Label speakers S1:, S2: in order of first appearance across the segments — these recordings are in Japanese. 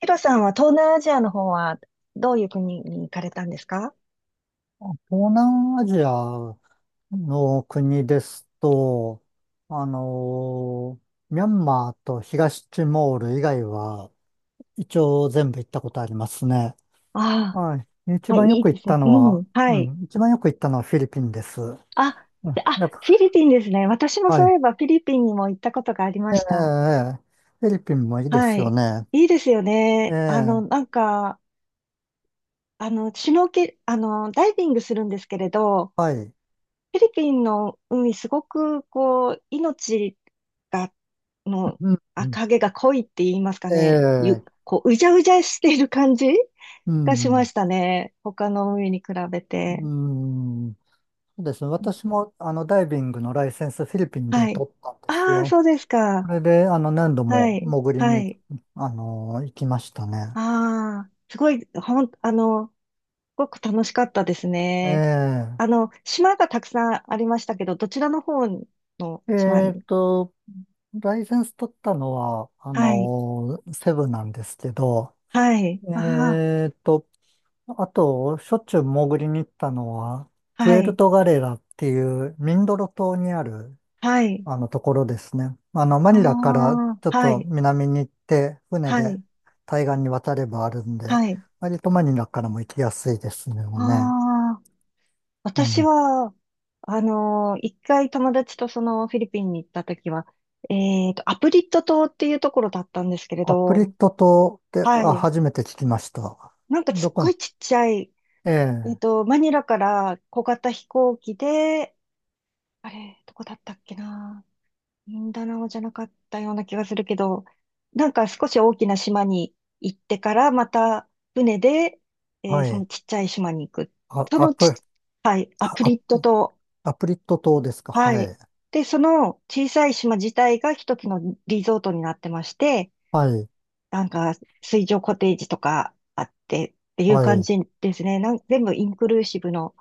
S1: ヒロさんは東南アジアの方はどういう国に行かれたんですか？
S2: 東南アジアの国ですと、あのミャンマーと東ティモール以外は、一応全部行ったことありますね。
S1: あ
S2: はい。
S1: あ、
S2: 一
S1: はい、
S2: 番よ
S1: いい
S2: く
S1: で
S2: 行っ
S1: す
S2: た
S1: ね。
S2: の
S1: う
S2: は、
S1: ん、は
S2: う
S1: い。
S2: ん、一番よく行ったのはフィリピンです。う
S1: あ、
S2: ん、
S1: で
S2: やっ
S1: フィリピンですね。私も
S2: ぱ、は
S1: そうい
S2: い。
S1: えばフィリピンにも行ったことがありました。
S2: ええ、フィリピンもいいで
S1: は
S2: すよ
S1: い。
S2: ね。
S1: いいですよね。
S2: ええ。
S1: シュノーケ、ダイビングするんですけれど、
S2: はい。
S1: フィリピンの海すごく、こう、命が、の、
S2: うん、う
S1: あ、
S2: ん、
S1: 影が濃いって言いますかね。
S2: ええ、
S1: こう、うじゃうじゃしている感じ
S2: う
S1: がしま
S2: ん、
S1: したね。他の海に比べ
S2: う
S1: て。
S2: ん。そうですね。私も、ダイビングのライセンスフィリピンで
S1: はい。
S2: 取ったんです
S1: ああ、
S2: よ。
S1: そうです
S2: そ
S1: か。
S2: れで、何度
S1: は
S2: も
S1: い。
S2: 潜り
S1: は
S2: に、
S1: い。
S2: 行きましたね。
S1: ああ、すごい、ほん、あの、すごく楽しかったですね。あ
S2: え
S1: の、島がたくさんありましたけど、どちらの方の
S2: え
S1: 島
S2: えっ
S1: に。
S2: と、ライセンス取ったのは、
S1: はい。
S2: セブなんですけど、
S1: はい。あ
S2: えっと、あと、しょっちゅう潜りに行ったのは、
S1: あ、
S2: プ
S1: は
S2: エル
S1: い。
S2: トガレラっていうミンドロ島にある
S1: はい。
S2: あのところですね。マ
S1: あ
S2: ニラから
S1: あ、
S2: ちょっ
S1: は
S2: と
S1: い。
S2: 南に行って、船
S1: は
S2: で
S1: い。
S2: 対岸に渡ればあるんで、
S1: はい。
S2: 割とマニラからも行きやすいですね。もうね。
S1: ああ。
S2: う
S1: 私
S2: ん。
S1: は、一回友達とそのフィリピンに行った時は、えっと、アプリット島っていうところだったんですけれ
S2: アプリッ
S1: ど、
S2: ト島って、
S1: は
S2: あ、
S1: い。
S2: 初めて聞きました。
S1: なんかす
S2: ど
S1: っ
S2: こ
S1: ご
S2: に、
S1: いちっちゃい、
S2: え
S1: えっ
S2: え、
S1: と、マニラから小型飛行機で、あれ、どこだったっけな。ミンダナオじゃなかったような気がするけど、なんか少し大きな島に行ってから、また船で、
S2: は
S1: その
S2: い。
S1: ちっちゃい島に行く。
S2: あ、
S1: そ
S2: ア
S1: のち
S2: プ、
S1: っ、はい、ア
S2: あ
S1: プ
S2: ア
S1: リット
S2: プ、
S1: 島。
S2: アプリット島ですか？
S1: は
S2: は
S1: い。
S2: い。
S1: で、その小さい島自体が一つのリゾートになってまして、
S2: はい。
S1: なんか水上コテージとかあってっていう
S2: は
S1: 感
S2: い。
S1: じですね。全部インクルーシブの。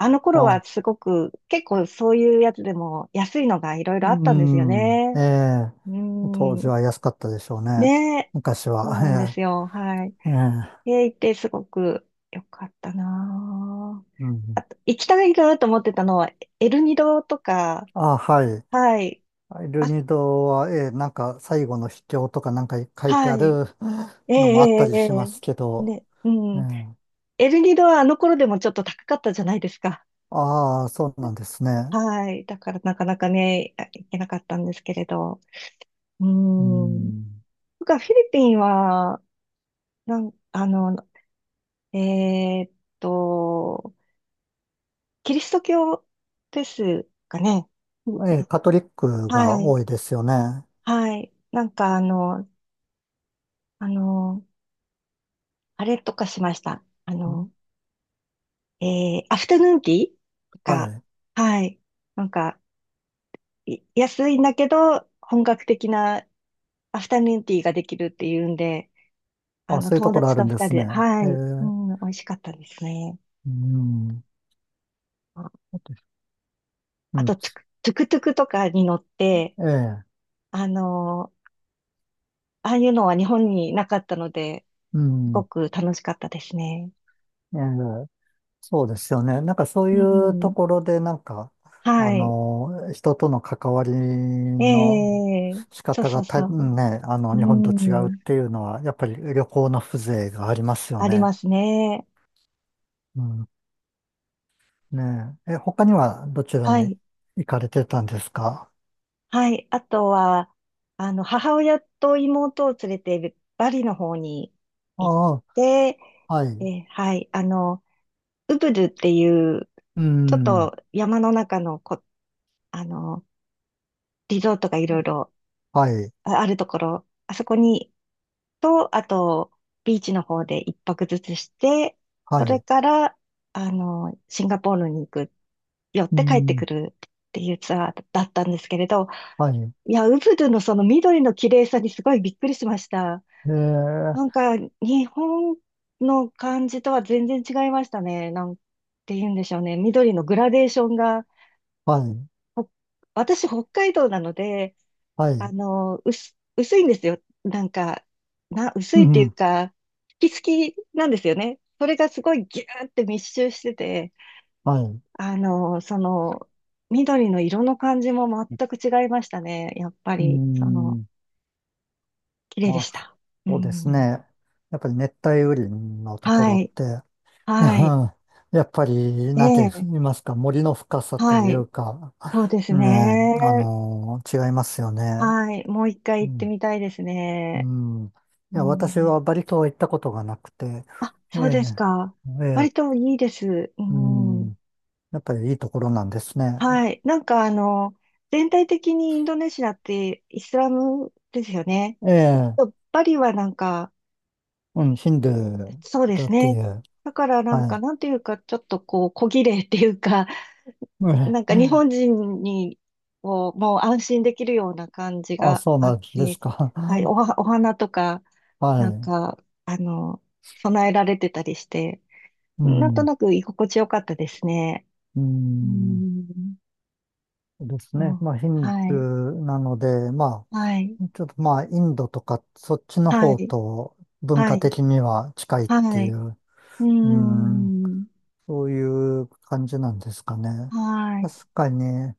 S1: あの頃
S2: あ、
S1: はすごく、結構そういうやつでも安いのがいろい
S2: う
S1: ろあったんですよ
S2: ん。え
S1: ね。
S2: え、
S1: う
S2: 当
S1: ー
S2: 時
S1: ん。
S2: は安かったでしょうね。
S1: ねえ。
S2: 昔
S1: そ
S2: は。
S1: うなんで すよ。はい。
S2: ええ、ええ、
S1: 行ってすごく良かったなぁ。
S2: うん。
S1: あと、行きたいなと思ってたのは、エルニドとか、
S2: あ、はい。
S1: はい。
S2: ル
S1: あ、
S2: ニドは、なんか最後の秘境とかなんか書いて
S1: は
S2: あ
S1: い。
S2: る
S1: ええ、
S2: のもあった
S1: ええ、
S2: りしま
S1: え
S2: すけ
S1: え、
S2: ど、
S1: ね、う
S2: ね、
S1: ん。エルニドはあの頃でもちょっと高かったじゃないですか。
S2: ああ、そうなんですね。
S1: はい。だからなかなかね、いけなかったんですけれど。う
S2: う
S1: ん。
S2: ん、
S1: 僕はフィリピンは、なん、あの、えーっと、キリスト教ですかね。
S2: カトリックが
S1: はい。
S2: 多いですよね。
S1: はい。なんかあの、あれとかしました。
S2: ん、
S1: えアフタヌーンティーと
S2: は
S1: か、
S2: い。
S1: はい。なんか、安いんだけど、本格的なアフタヌーンティーができるっていうんで、あ
S2: あ、
S1: の、
S2: そういうと
S1: 友
S2: ころ
S1: 達
S2: あ
S1: と
S2: るん
S1: 二
S2: で
S1: 人
S2: すね。
S1: で、は
S2: え
S1: い、う
S2: ー
S1: ん、美味しかったですね。
S2: うん、う
S1: あ
S2: ん、
S1: と、トゥクトゥクトゥクとかに乗って、
S2: ええ、
S1: あの、ああいうのは日本になかったので、
S2: う
S1: すご
S2: ん、
S1: く楽しかったですね。
S2: ええ、そうですよね。なんかそう
S1: う
S2: いうと
S1: ん。
S2: ころで、なんか、
S1: はい。
S2: 人との関わり
S1: え
S2: の
S1: え、
S2: 仕
S1: そう
S2: 方
S1: そ
S2: が
S1: うそう。
S2: ね、
S1: う
S2: 日本と違うっ
S1: ん。
S2: ていうのは、やっぱり旅行の風情がありますよ
S1: あり
S2: ね。
S1: ますね。
S2: うん。ねえ。他にはどちら
S1: は
S2: に
S1: い。
S2: 行かれてたんですか？
S1: はい。あとは、あの、母親と妹を連れてバリの方に行っ
S2: あ
S1: て、
S2: あ、はい。
S1: え、はい。あの、ウブルっていう、
S2: う
S1: ちょっ
S2: ん。
S1: と山の中のこ、あの、リゾートがいろいろ
S2: はい。
S1: るところ、あそこに、と、あと、ビーチの方で一泊ずつして、
S2: は
S1: それ
S2: い。
S1: から、あの、シンガポールに行く、寄っ
S2: う
S1: て帰ってく
S2: ん。
S1: るっていうツアーだったんですけれど、
S2: はい。
S1: いや、ウブドゥのその緑の綺麗さにすごいびっくりしました。
S2: えー、
S1: なんか、日本の感じとは全然違いましたね。なんて言うんでしょうね。緑のグラデーションが、
S2: はい。
S1: ほ私、北海道なので、
S2: は
S1: あ
S2: い。
S1: の、薄いんですよ。なんか、薄
S2: う
S1: いっていう
S2: ん。
S1: か、好きなんですよね。それがすごいギューって密集してて、
S2: はい。
S1: あの、その、緑の色の感じも全く違いましたね。やっぱ
S2: う
S1: り、その、
S2: ん。
S1: 綺麗で
S2: ま
S1: し
S2: あ、
S1: た。う
S2: そうです
S1: ん。
S2: ね。やっぱり熱帯雨林のとこ
S1: は
S2: ろっ
S1: い。
S2: て、う
S1: はい。
S2: ん、やっぱり、
S1: え
S2: なんて
S1: え。
S2: 言いますか、森の深さと
S1: は
S2: い
S1: い。
S2: うか、
S1: そうです
S2: ねえ、
S1: ね。
S2: 違いますよね。
S1: はい。もう一
S2: う
S1: 回行って
S2: ん。
S1: みたいです
S2: う
S1: ね。
S2: ん。い
S1: う
S2: や、私
S1: ん。
S2: はバリ島は行ったことがなくて、
S1: あ、
S2: ええ、
S1: そうですか。
S2: え
S1: 割
S2: え、
S1: といいです。う
S2: う
S1: ん。
S2: ん。やっぱりいいところなんですね。
S1: はい。なんかあの、全体的にインドネシアってイスラムですよね。
S2: ええ、
S1: バリはなんか、
S2: うん、ヒンドゥー
S1: そうで
S2: だ
S1: す
S2: って
S1: ね。
S2: いう、
S1: だからなん
S2: は
S1: か、
S2: い。
S1: なんていうか、ちょっとこう、小綺麗っていうか、なん か
S2: え
S1: 日
S2: え。
S1: 本人に、こう、もう安心できるような感じ
S2: あ、
S1: が
S2: そう
S1: あ
S2: な
S1: っ
S2: んです
S1: て、
S2: か。
S1: はい、お花とか、
S2: は
S1: なん
S2: い。
S1: か、あの、備えられてたりして、
S2: う
S1: なんと
S2: ん。
S1: なく居心地よかったですね。
S2: うー
S1: う
S2: ん、
S1: ん。
S2: です
S1: も
S2: ね。
S1: う、
S2: まあ、ヒン
S1: は
S2: ド
S1: い、
S2: ゥーなので、ま
S1: はい、
S2: あ、ちょっとまあ、インドとか、そっちの
S1: は
S2: 方
S1: い、
S2: と文
S1: は
S2: 化
S1: い、
S2: 的には近いって
S1: は
S2: い
S1: い、
S2: う、
S1: うー
S2: うーん、
S1: ん、
S2: そういう感じなんですかね。
S1: はい、
S2: 確かに、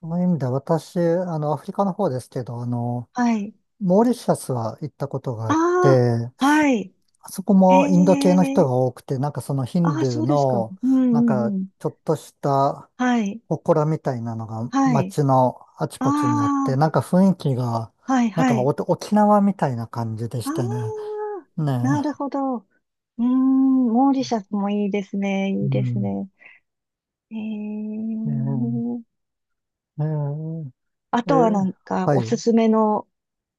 S2: その意味では私、アフリカの方ですけど、
S1: はい。
S2: モーリシャスは行ったことがあっ
S1: あ
S2: て、
S1: あ、はい、
S2: あそこ
S1: え
S2: もインド系の人
S1: え、
S2: が多くて、なんかそのヒン
S1: ああ、
S2: ドゥー
S1: そうですか。
S2: の、
S1: うん、う
S2: なん
S1: ん、
S2: か、
S1: うん。
S2: ちょっとした、
S1: はい、
S2: 祠みたいなのが
S1: はい。
S2: 街のあち
S1: あ
S2: こちにあって、
S1: あ、
S2: なんか雰囲気が、
S1: はい
S2: なん
S1: は
S2: かお
S1: い。
S2: 沖縄みたいな感じで
S1: あ
S2: したね。
S1: あ、
S2: ね
S1: なる
S2: え。
S1: ほど。うーん、モーリシャスもいいですね。
S2: う
S1: いいです
S2: ん。
S1: ね。え
S2: ね、
S1: ー、
S2: え
S1: あ
S2: え、え
S1: とはな
S2: え、
S1: んか、
S2: は
S1: おす
S2: い。
S1: すめの、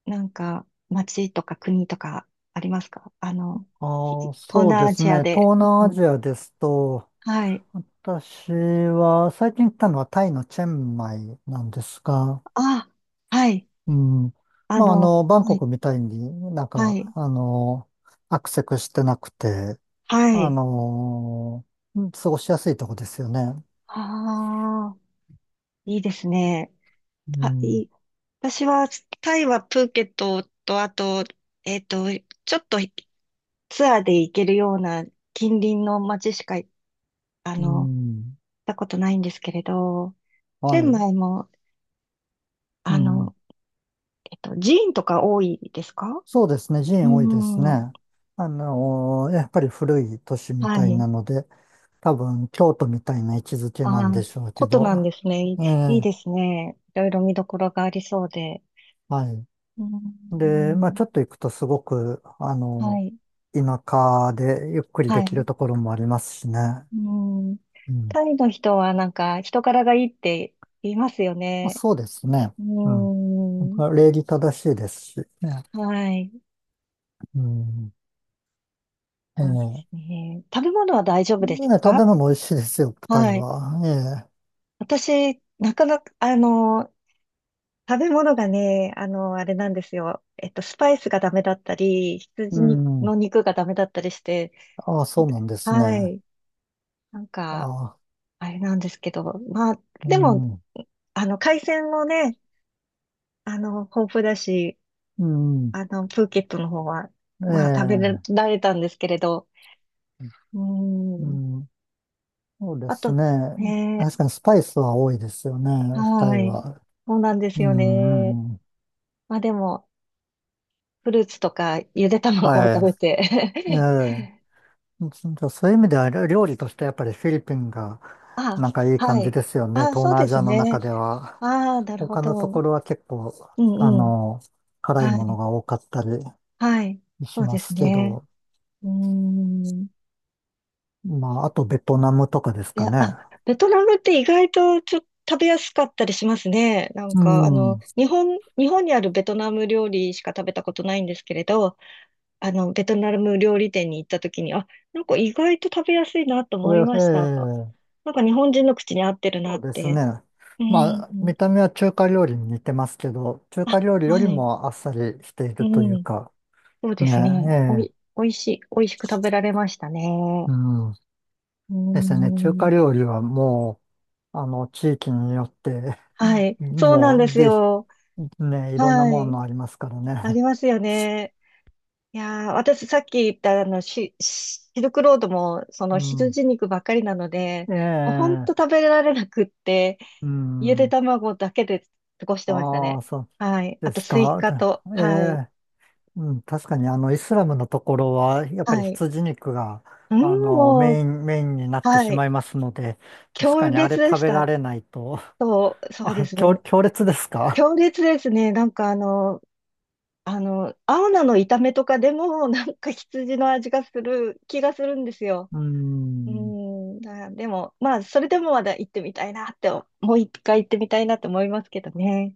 S1: なんか、街とか国とかありますか、あの、
S2: ああ、
S1: 東
S2: そうで
S1: 南ア
S2: す
S1: ジ
S2: ね。
S1: アで。
S2: 東
S1: う
S2: 南ア
S1: ん、
S2: ジアですと、
S1: はい。
S2: 私は最近行ったのはタイのチェンマイなんですが、
S1: あ、はい。
S2: うん。
S1: あ
S2: まあ、
S1: の、
S2: バン
S1: は
S2: コ
S1: い、
S2: クみたいになん
S1: はい、
S2: か、アクセスしてなくて、
S1: は
S2: あ
S1: い。
S2: のうん、過ごしやすいとこですよね。
S1: ああ、いいですね。
S2: う
S1: は
S2: ん。
S1: い。私は、タイはプーケットと、あと、えっと、ちょっとツアーで行けるような近隣の街しか、あ
S2: う
S1: の、行っ
S2: ん。
S1: たことないんですけれど、チ
S2: は
S1: ェン
S2: い。
S1: マイも、
S2: う
S1: あ
S2: ん。
S1: の、寺院とか多いですか？
S2: そうですね。寺
S1: う
S2: 院多いです
S1: ん。
S2: ね。やっぱり古い都市み
S1: は
S2: たい
S1: い。
S2: なので、多分京都みたいな位置づけ
S1: あ
S2: なんで
S1: あ、
S2: しょうけ
S1: ことなん
S2: ど。
S1: ですね。
S2: え
S1: いい
S2: え、
S1: ですね。いろいろ見どころがありそうで。
S2: はい。
S1: う
S2: で、まあ
S1: ん。
S2: ちょっと行くとすごく、
S1: はい。
S2: 田舎でゆっくり
S1: は
S2: できる
S1: い。
S2: ところもありますしね。
S1: うん。
S2: うん。
S1: タイの人はなんか人柄がいいって言いますよ
S2: まあ、
S1: ね。
S2: そうですね。
S1: う
S2: うん。
S1: ん。
S2: 礼儀正しいですしね。
S1: はい。
S2: うん。ええ。
S1: そうで
S2: ね
S1: すね。食べ物は大丈夫です
S2: え、食
S1: か？
S2: べ物美味しいですよ、タイ
S1: はい。
S2: は。ええ。
S1: 私、なかなか、あの、食べ物がね、あの、あれなんですよ。えっと、スパイスがダメだったり、
S2: う
S1: 羊
S2: ん。
S1: の肉がダメだったりして、
S2: ああ、そうなんですね。
S1: は
S2: あ
S1: い。なんか、
S2: あ、
S1: あれなんですけど、まあ、
S2: う
S1: でも、
S2: ん。
S1: あの、海鮮もね、あの、豊富だし、
S2: うん。
S1: あの、プーケットの方は、
S2: え
S1: まあ、食べ
S2: え。
S1: られたんですけれど、う
S2: う
S1: ん。
S2: ん。そうで
S1: あ
S2: す
S1: と、
S2: ね。
S1: ね、
S2: 確かにスパイスは多いですよね、タ
S1: は
S2: イ
S1: い。
S2: は。
S1: そうなんです
S2: う
S1: よね。
S2: ん。うん、
S1: まあでも、フルーツとか、ゆで卵を
S2: は
S1: 食べ
S2: い。え
S1: て。
S2: え。じゃあそういう意味では料理としてやっぱりフィリピンが
S1: あ、
S2: なんかいい
S1: は
S2: 感じ
S1: い。
S2: ですよね。
S1: あ、
S2: 東
S1: そう
S2: 南ア
S1: で
S2: ジ
S1: す
S2: アの中
S1: ね。
S2: では。
S1: ああ、なるほ
S2: 他のと
S1: ど。
S2: ころは結構、
S1: う
S2: あ
S1: んうん。
S2: の、辛い
S1: は
S2: もの
S1: い。
S2: が多かったり、
S1: はい。そ
S2: し
S1: う
S2: ま
S1: です
S2: すけ
S1: ね。
S2: ど、
S1: うーん。
S2: まあ、あとベトナムとかです
S1: い
S2: か
S1: や、
S2: ね。
S1: あ、ベトナムって意外とちょっと食べやすかったりしますね。なん
S2: う
S1: か、あの、
S2: ん。
S1: 日本にあるベトナム料理しか食べたことないんですけれど、あの、ベトナム料理店に行った時に、あ、なんか意外と食べやすいなと
S2: こ
S1: 思
S2: れ
S1: い
S2: は、え
S1: ました。
S2: え、
S1: なんか日本人の口に合ってるな
S2: そ
S1: っ
S2: うです
S1: て。
S2: ね。
S1: う
S2: まあ、
S1: ん。
S2: 見た目は中華料理に似てますけど、中
S1: あ、
S2: 華料理より
S1: はい。
S2: もあっさりしてい
S1: う
S2: るという
S1: ん。
S2: か、
S1: そうで
S2: ね、
S1: すね。
S2: ええ、
S1: おいしく食べられました
S2: う
S1: ね。
S2: ん。
S1: う
S2: ですね。中華
S1: ん。
S2: 料理はもう、地域によって
S1: は い。そうな
S2: も
S1: んで
S2: う、
S1: す
S2: で、
S1: よ。
S2: ね、いろんな
S1: は
S2: も
S1: い。
S2: のありますから
S1: あ
S2: ね。
S1: りますよね。いやー、私さっき言ったあのシルクロードもそ
S2: う
S1: の
S2: ん。
S1: 羊肉ばっかりなので、
S2: え
S1: もうほん
S2: え、
S1: と食べられなくって、
S2: う
S1: ゆで
S2: ん。
S1: 卵だけで過ごしてました
S2: ああ、
S1: ね。
S2: そう
S1: はい。あ
S2: で
S1: と
S2: す
S1: スイ
S2: か。
S1: カと、
S2: え
S1: はい。
S2: え。うん、確かにイスラムのところはやっぱり
S1: はい。
S2: 羊肉が
S1: うん、も
S2: メ
S1: う、
S2: イン、メインになって
S1: は
S2: しま
S1: い。
S2: いますので、確か
S1: 強
S2: にあれ
S1: 烈で
S2: 食
S1: し
S2: べら
S1: た。
S2: れないと、
S1: そうで
S2: あ、
S1: す
S2: 強、
S1: ね。
S2: 強烈ですか？
S1: 強烈ですね。なんかあの、青菜の炒めとかでも、なんか羊の味がする気がするんですよ。
S2: う
S1: う
S2: ん。
S1: ーん、あ、でも、まあ、それでもまだ行ってみたいなって、もう一回行ってみたいなって思いますけどね。